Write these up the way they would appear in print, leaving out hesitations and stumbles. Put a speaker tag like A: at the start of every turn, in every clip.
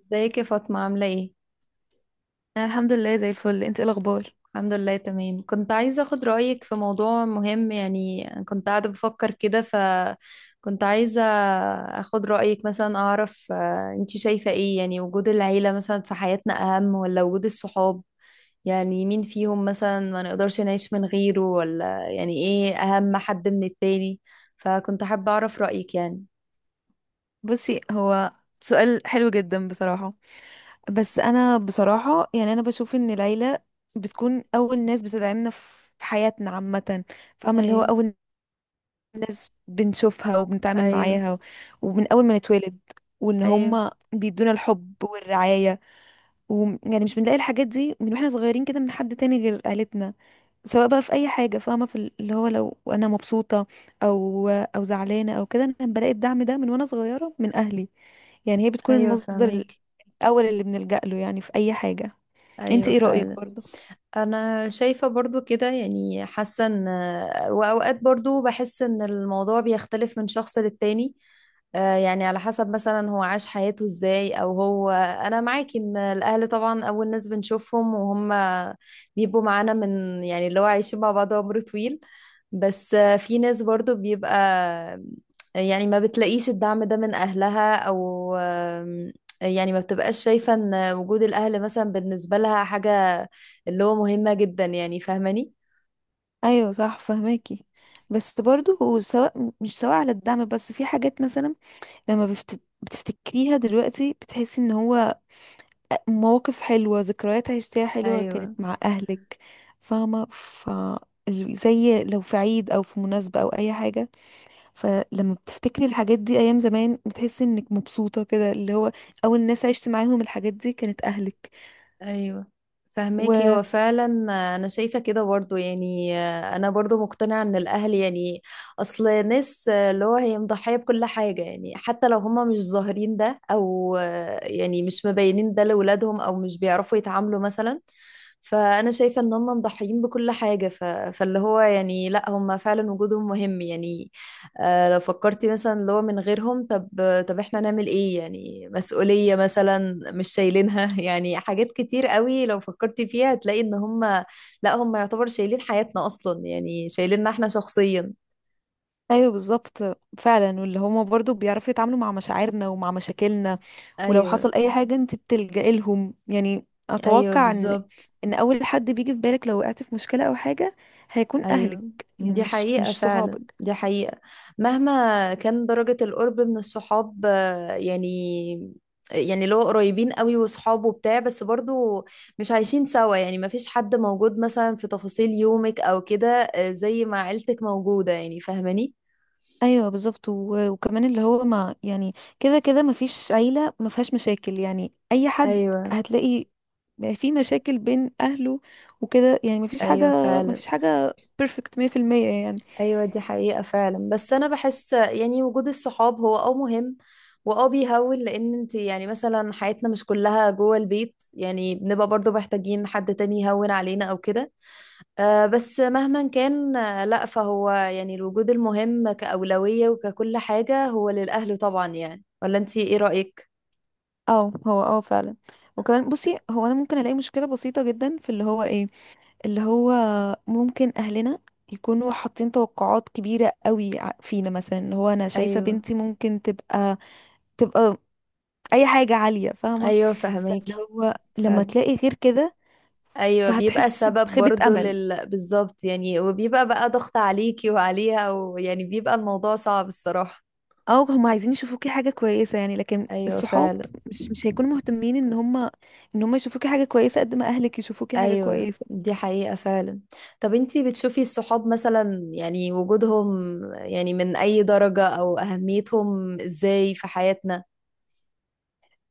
A: ازيك يا فاطمة عاملة ايه؟
B: أنا الحمد لله زي الفل. انت ايه الاخبار؟
A: الحمد لله تمام. كنت عايزة اخد رأيك في موضوع مهم، يعني كنت قاعدة بفكر كده فكنت عايزة اخد رأيك، مثلا اعرف. انتي شايفة ايه يعني؟ وجود العيلة مثلا في حياتنا اهم ولا وجود الصحاب؟ يعني مين فيهم مثلا ما نقدرش نعيش من غيره؟ ولا يعني ايه اهم حد من التاني؟ فكنت حابة اعرف رأيك يعني.
B: بصي هو سؤال حلو جدا بصراحة. بس انا بصراحة يعني انا بشوف ان العيلة بتكون اول ناس بتدعمنا في حياتنا عامة. فاهمة اللي هو
A: ايوه.
B: اول بنشوفها وبنتعامل
A: ايوه.
B: معاها ومن اول ما نتولد، وان
A: ايوه.
B: هما بيدونا الحب والرعاية. ويعني مش بنلاقي الحاجات دي من واحنا صغيرين كده من حد تاني غير عيلتنا، سواء بقى في اي حاجه. فاهمه في اللي هو لو انا مبسوطه او زعلانه او كده، انا بلاقي الدعم ده من وانا صغيره من اهلي. يعني هي بتكون
A: ايوه
B: المصدر
A: فاهمك.
B: الاول اللي بنلجأ له يعني في اي حاجه. انت
A: ايوه
B: ايه رأيك
A: فعلا.
B: برضو؟
A: انا شايفة برضو كده، يعني حاسة ان واوقات برضو بحس ان الموضوع بيختلف من شخص للتاني. يعني على حسب مثلا هو عاش حياته ازاي، او هو، انا معاك ان الاهل طبعا اول ناس بنشوفهم وهم بيبقوا معانا من، يعني اللي هو عايشين مع بعض عمر طويل. بس في ناس برضو بيبقى يعني ما بتلاقيش الدعم ده من اهلها، او يعني ما بتبقاش شايفة ان وجود الاهل مثلا بالنسبة لها حاجة اللي هو مهمة جدا، يعني فاهماني؟
B: ايوه صح فهماكي. بس برضو مش سواء على الدعم، بس في حاجات مثلا لما بتفتكريها دلوقتي بتحسي ان هو مواقف حلوه ذكريات عشتيها حلوه
A: ايوه.
B: كانت مع اهلك. فاهمه زي لو في عيد او في مناسبه او اي حاجه، فلما بتفتكري الحاجات دي ايام زمان بتحسي انك مبسوطه كده، اللي هو اول ناس عشت معاهم الحاجات دي كانت اهلك.
A: ايوه فهماكي
B: و
A: هو فعلا. انا شايفه كده برضو، يعني انا برضو مقتنعه ان الاهل يعني اصل ناس اللي هو هي مضحيه بكل حاجه، يعني حتى لو هما مش ظاهرين ده، او يعني مش مبينين ده لاولادهم، او مش بيعرفوا يتعاملوا مثلا. فانا شايفه ان هما مضحيين بكل حاجه. فاللي هو يعني لا، هما فعلا وجودهم مهم يعني. لو فكرتي مثلا اللي هو من غيرهم، طب احنا نعمل ايه؟ يعني مسؤولية مثلا مش شايلينها يعني حاجات كتير قوي لو فكرتي فيها هتلاقي ان هم لا، هم يعتبر شايلين حياتنا اصلا، يعني شايليننا احنا شخصيا.
B: ايوه بالظبط. فعلا واللي هما برضو بيعرفوا يتعاملوا مع مشاعرنا ومع مشاكلنا. ولو
A: ايوه.
B: حصل اي حاجه انت بتلجئي لهم، يعني
A: ايوه
B: اتوقع ان
A: بالظبط.
B: ان اول حد بيجي في بالك لو وقعت في مشكله او حاجه هيكون اهلك.
A: ايوه
B: يعني
A: دي
B: مش
A: حقيقة
B: مش
A: فعلا،
B: صحابك.
A: دي حقيقة. مهما كان درجة القرب من الصحاب، يعني، يعني اللي هو قريبين قوي وصحاب وبتاع، بس برضو مش عايشين سوا، يعني ما فيش حد موجود مثلا في تفاصيل يومك او كده، زي ما عيلتك موجودة، يعني فاهماني؟
B: ايوه بالظبط وكمان اللي هو ما يعني، كده كده ما فيش عيله ما فيهاش مشاكل، يعني اي حد
A: ايوه.
B: هتلاقي في مشاكل بين اهله وكده. يعني
A: ايوه
B: ما
A: فعلا.
B: فيش حاجه بيرفكت 100%، يعني.
A: ايوه دي حقيقة فعلا. بس انا بحس يعني وجود الصحاب هو اه مهم واه بيهون، لان انت يعني مثلا حياتنا مش كلها جوه البيت، يعني بنبقى برضو محتاجين حد تاني يهون علينا او كده. آه بس مهما كان، آه لا، فهو يعني الوجود المهم كأولوية وككل حاجة هو للأهل طبعا، يعني ولا انت ايه رأيك؟
B: اه هو اه فعلا. وكمان بصي هو انا ممكن الاقي مشكله بسيطه جدا في اللي هو ايه، اللي هو ممكن اهلنا يكونوا حاطين توقعات كبيره قوي فينا مثلا. اللي هو انا شايفه
A: ايوه.
B: بنتي ممكن تبقى اي حاجة عالية، فاهمة؟
A: ايوه
B: فاللي
A: فهماكي.
B: هو
A: ف
B: لما تلاقي غير كده
A: ايوه، بيبقى
B: فهتحس
A: سبب
B: بخيبة
A: برضو
B: امل.
A: لل بالظبط يعني، وبيبقى بقى ضغط عليكي وعليها، ويعني بيبقى الموضوع صعب الصراحة.
B: او هم عايزين يشوفوكي حاجة كويسة يعني، لكن
A: ايوه
B: الصحاب
A: فعلا.
B: مش هيكونوا مهتمين ان هم يشوفوكي حاجة كويسة قد ما اهلك يشوفوكي حاجة
A: ايوه
B: كويسة.
A: دي حقيقة فعلا. طب انتي بتشوفي الصحاب مثلا يعني وجودهم، يعني من اي درجة؟ او اهميتهم ازاي في حياتنا؟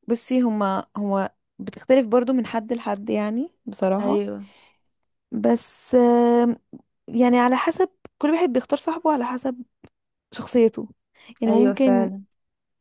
B: بصي هما هو بتختلف برضو من حد لحد يعني بصراحة.
A: ايوه.
B: بس يعني على حسب، كل واحد بيختار صاحبه على حسب شخصيته. يعني
A: ايوه
B: ممكن
A: فعلا.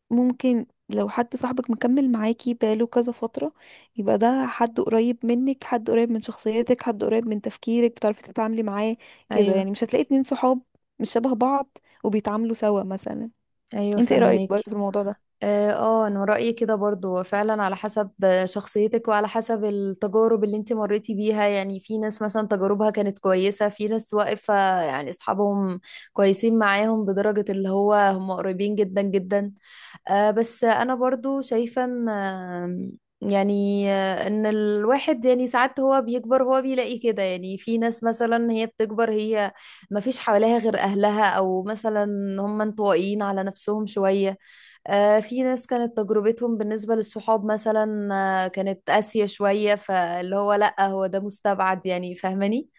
B: ممكن لو حد صاحبك مكمل معاكي بقاله كذا فترة يبقى ده حد قريب منك، حد قريب من شخصيتك، حد قريب من تفكيرك، بتعرفي تتعاملي معاه كده. يعني
A: ايوه.
B: مش هتلاقي اتنين صحاب مش شبه بعض وبيتعاملوا سوا مثلا.
A: ايوه
B: انت ايه رأيك
A: فهميك.
B: برضه في الموضوع ده؟
A: اه، انا رأيي كده برضو هو فعلا على حسب شخصيتك، وعلى حسب التجارب اللي انت مريتي بيها. يعني في ناس مثلا تجاربها كانت كويسة، في ناس واقفة يعني اصحابهم كويسين معاهم بدرجة اللي هو هم قريبين جدا جدا. آه بس انا برضو شايفة ان يعني ان الواحد يعني ساعات هو بيكبر هو بيلاقي كده، يعني في ناس مثلا هي بتكبر هي ما فيش حواليها غير اهلها، او مثلا هم انطوائيين على نفسهم شوية. في ناس كانت تجربتهم بالنسبة للصحاب مثلا كانت قاسية شوية. فاللي هو لأ، هو ده مستبعد يعني، فاهماني؟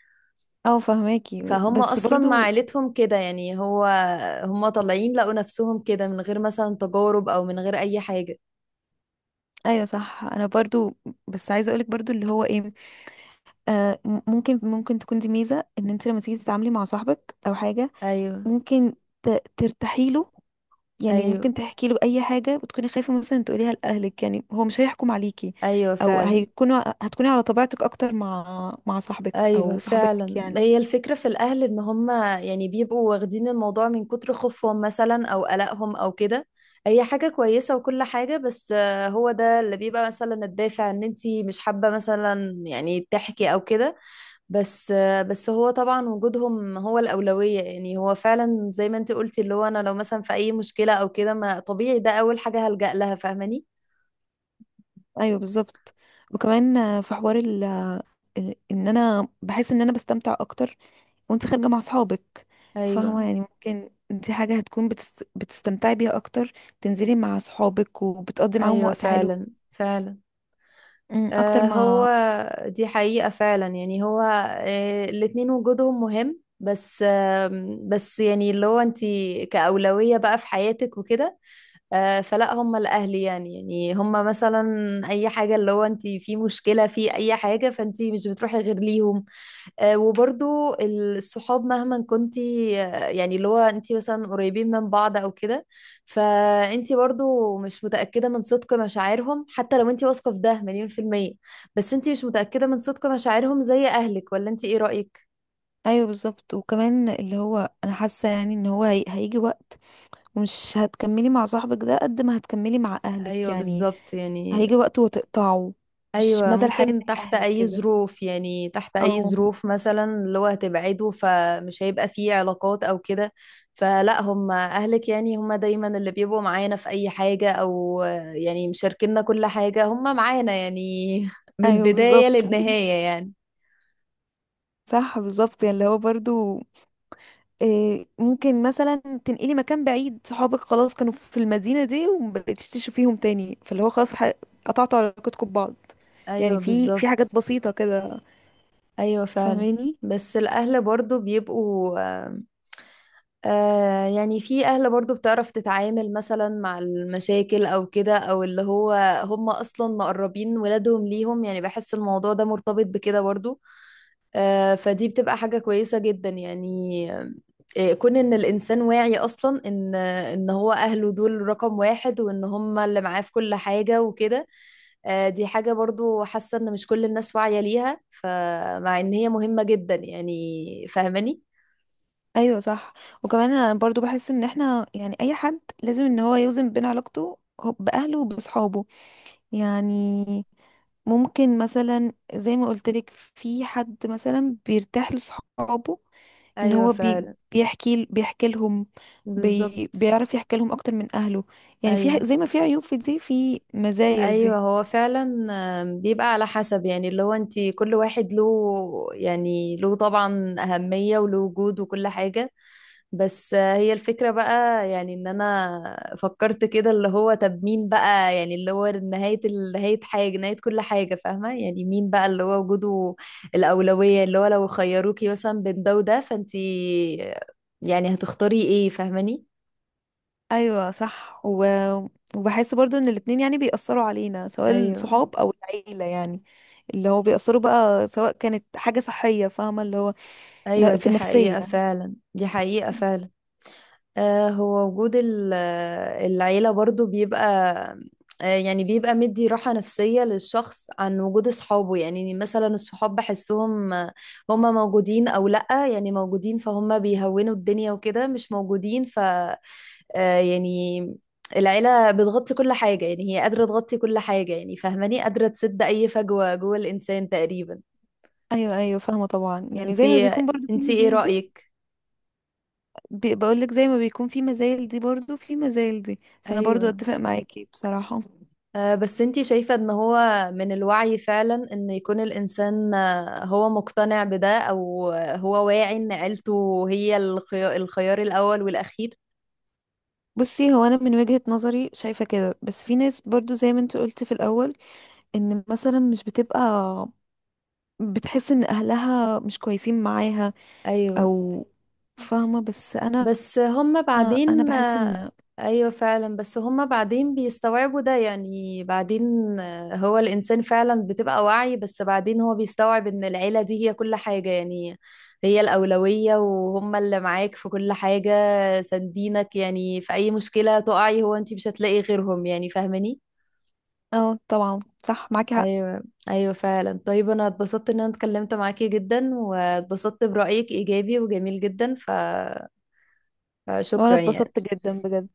B: اه فهماكي.
A: فهم
B: بس
A: أصلا مع
B: برضو
A: عيلتهم كده، يعني هو هم طالعين لقوا نفسهم كده من غير مثلا تجارب، أو من غير أي حاجة.
B: ايوه صح انا برضو. بس عايزه اقولك برضو اللي هو ايه، آه ممكن تكون دي ميزه ان انت لما تيجي تتعاملي مع صاحبك او حاجه
A: أيوه.
B: ممكن ترتاحيله. يعني ممكن
A: أيوه.
B: تحكي له اي حاجه وتكوني خايفه مثلا تقوليها لاهلك، يعني هو مش هيحكم عليكي.
A: أيوه
B: او
A: فعلا.
B: هيكونوا هتكوني على طبيعتك اكتر مع صاحبك
A: ايوه
B: او صاحبتك
A: فعلا
B: يعني.
A: هي الفكره في الاهل ان هم يعني بيبقوا واخدين الموضوع من كتر خوفهم مثلا، او قلقهم او كده. هي حاجه كويسه وكل حاجه، بس هو ده اللي بيبقى مثلا الدافع ان انتي مش حابه مثلا يعني تحكي او كده. بس بس هو طبعا وجودهم هو الاولويه، يعني هو فعلا زي ما انتي قلتي اللي هو انا لو مثلا في اي مشكله او كده، ما طبيعي ده اول حاجه هلجأ لها، فاهماني؟
B: ايوه بالظبط. وكمان في حوار ان انا بحس ان انا بستمتع اكتر وانت خارجه مع صحابك. فاهمه؟
A: ايوه.
B: يعني ممكن دي حاجه هتكون بتستمتعي بيها اكتر، تنزلي مع صحابك وبتقضي معاهم
A: ايوه
B: وقت حلو
A: فعلا فعلا.
B: اكتر
A: هو
B: ما.
A: دي حقيقة فعلا. يعني هو الاتنين وجودهم مهم، بس بس يعني اللي هو انتي كأولوية بقى في حياتك وكده، فلا هم الأهل. يعني يعني هم مثلا أي حاجة اللي هو انتي في مشكلة في أي حاجة، فانتي مش بتروحي غير ليهم. وبرضو الصحاب مهما كنتي يعني اللي هو انتي مثلا قريبين من بعض او كده، فانتي برضو مش متأكدة من صدق مشاعرهم، حتى لو انتي واثقة في ده مليون %. بس انتي مش متأكدة من صدق مشاعرهم زي اهلك، ولا انتي ايه رأيك؟
B: ايوه بالظبط. وكمان اللي هو انا حاسه يعني ان هو هيجي وقت مش هتكملي مع صاحبك ده قد ما هتكملي مع اهلك،
A: ايوه
B: يعني
A: بالظبط يعني.
B: هيجي وقت وتقطعه. مش
A: ايوه
B: مدى الحياة
A: ممكن،
B: زي
A: تحت
B: اهلك
A: اي
B: كده.
A: ظروف؟ يعني تحت اي
B: اه
A: ظروف مثلا اللي هو هتبعده فمش هيبقى فيه علاقات او كده؟ فلا، هم اهلك يعني، هم دايما اللي بيبقوا معانا في اي حاجة، او يعني مشاركينا كل حاجة، هم معانا يعني من
B: ايوه
A: البداية
B: بالظبط.
A: للنهاية يعني.
B: صح بالظبط. يعني اللي هو برضو إيه، ممكن مثلا تنقلي مكان بعيد، صحابك خلاص كانوا في المدينة دي ومبقتيش تشوفيهم تاني، فاللي هو خلاص قطعتوا علاقتكم ببعض.
A: ايوه
B: يعني في حاجات
A: بالظبط.
B: بسيطة كده،
A: ايوه فعلا.
B: فاهماني؟
A: بس الاهل برضو بيبقوا آه، يعني في أهل برضو بتعرف تتعامل مثلا مع المشاكل أو كده، أو اللي هو هم أصلا مقربين ولادهم ليهم، يعني بحس الموضوع ده مرتبط بكده برضو. آه فدي بتبقى حاجة كويسة جدا يعني. كون إن الإنسان واعي أصلا إن هو أهله دول رقم 1، وإن هم اللي معاه في كل حاجة وكده. آه دي حاجة برضو حاسة إن مش كل الناس واعية ليها، فمع إن هي مهمة جدا، يعني فاهماني؟
B: ايوه صح. وكمان انا برضو بحس ان احنا يعني اي حد لازم ان هو يوزن بين علاقته باهله وبصحابه. يعني ممكن مثلا زي ما قلت لك في حد مثلا بيرتاح لصحابه ان
A: أيوة
B: هو
A: فعلا.
B: بيحكي لهم،
A: بالظبط.
B: بيعرف يحكي لهم اكتر من اهله. يعني في
A: ايوه.
B: زي ما في عيوب في دي في مزايا
A: ايوه
B: دي.
A: هو فعلا. بيبقى على حسب، يعني اللي هو انت كل واحد له يعني له طبعا اهميه وله وجود وكل حاجه. بس هي الفكره بقى يعني ان انا فكرت كده اللي هو طب مين بقى يعني اللي هو نهايه نهايه حاجه، نهايه كل حاجه، فاهمه؟ يعني مين بقى اللي هو وجوده الاولويه؟ اللي هو لو خيروكي مثلا بين ده وده، فانت يعني هتختاري ايه، فاهماني؟
B: ايوه صح وبحس برضو ان الاتنين يعني بيأثروا علينا سواء
A: ايوه.
B: الصحاب او العيلة، يعني اللي هو بيأثروا بقى سواء كانت حاجة صحية، فاهمة اللي هو
A: ايوه
B: في
A: دي
B: النفسية.
A: حقيقه فعلا، دي حقيقه فعلا. هو وجود العيلة برضو بيبقى يعني بيبقى مدي راحة نفسية للشخص عن وجود أصحابه. يعني مثلا الصحاب بحسهم هما موجودين أو لأ. يعني موجودين فهم بيهونوا الدنيا وكده، مش موجودين ف يعني العيلة بتغطي كل حاجة، يعني هي قادرة تغطي كل حاجة، يعني فاهماني؟ قادرة تسد أي فجوة جوه الإنسان تقريبا.
B: ايوه ايوه فاهمة طبعا. يعني زي ما
A: انتي
B: بيكون برضو في
A: انتي ايه
B: مزايا،
A: رأيك؟
B: بقولك زي ما بيكون في مزايل دي برضو في مزايل دي، فانا برضو
A: ايوه.
B: اتفق معاكي بصراحة.
A: بس انتي شايفة ان هو من الوعي فعلا ان يكون الانسان هو مقتنع بده، او هو واعي ان عيلته هي الخيار, الخيار الاول والاخير.
B: بصي هو انا من وجهة نظري شايفة كده. بس في ناس برضو زي ما انت قلت في الاول ان مثلا مش بتبقى بتحس ان اهلها مش كويسين معاها
A: ايوه
B: او، فاهمة؟ بس انا
A: بس هم
B: انا
A: بعدين
B: بحس ان.
A: ايوه فعلا. بس هم بعدين بيستوعبوا ده يعني، بعدين هو الانسان فعلا بتبقى واعي، بس بعدين هو بيستوعب ان العيلة دي هي كل حاجة يعني، هي الأولوية، وهم اللي معاك في كل حاجة سندينك، يعني في أي مشكلة تقعي هو انتي مش هتلاقي غيرهم، يعني فاهماني؟
B: اه طبعا. صح معاكي حق.
A: ايوه. ايوه فعلا. طيب انا اتبسطت ان انا اتكلمت معاكي جدا، واتبسطت برأيك ايجابي وجميل جدا،
B: وانا
A: فشكرا يعني.
B: اتبسطت جدا بجد.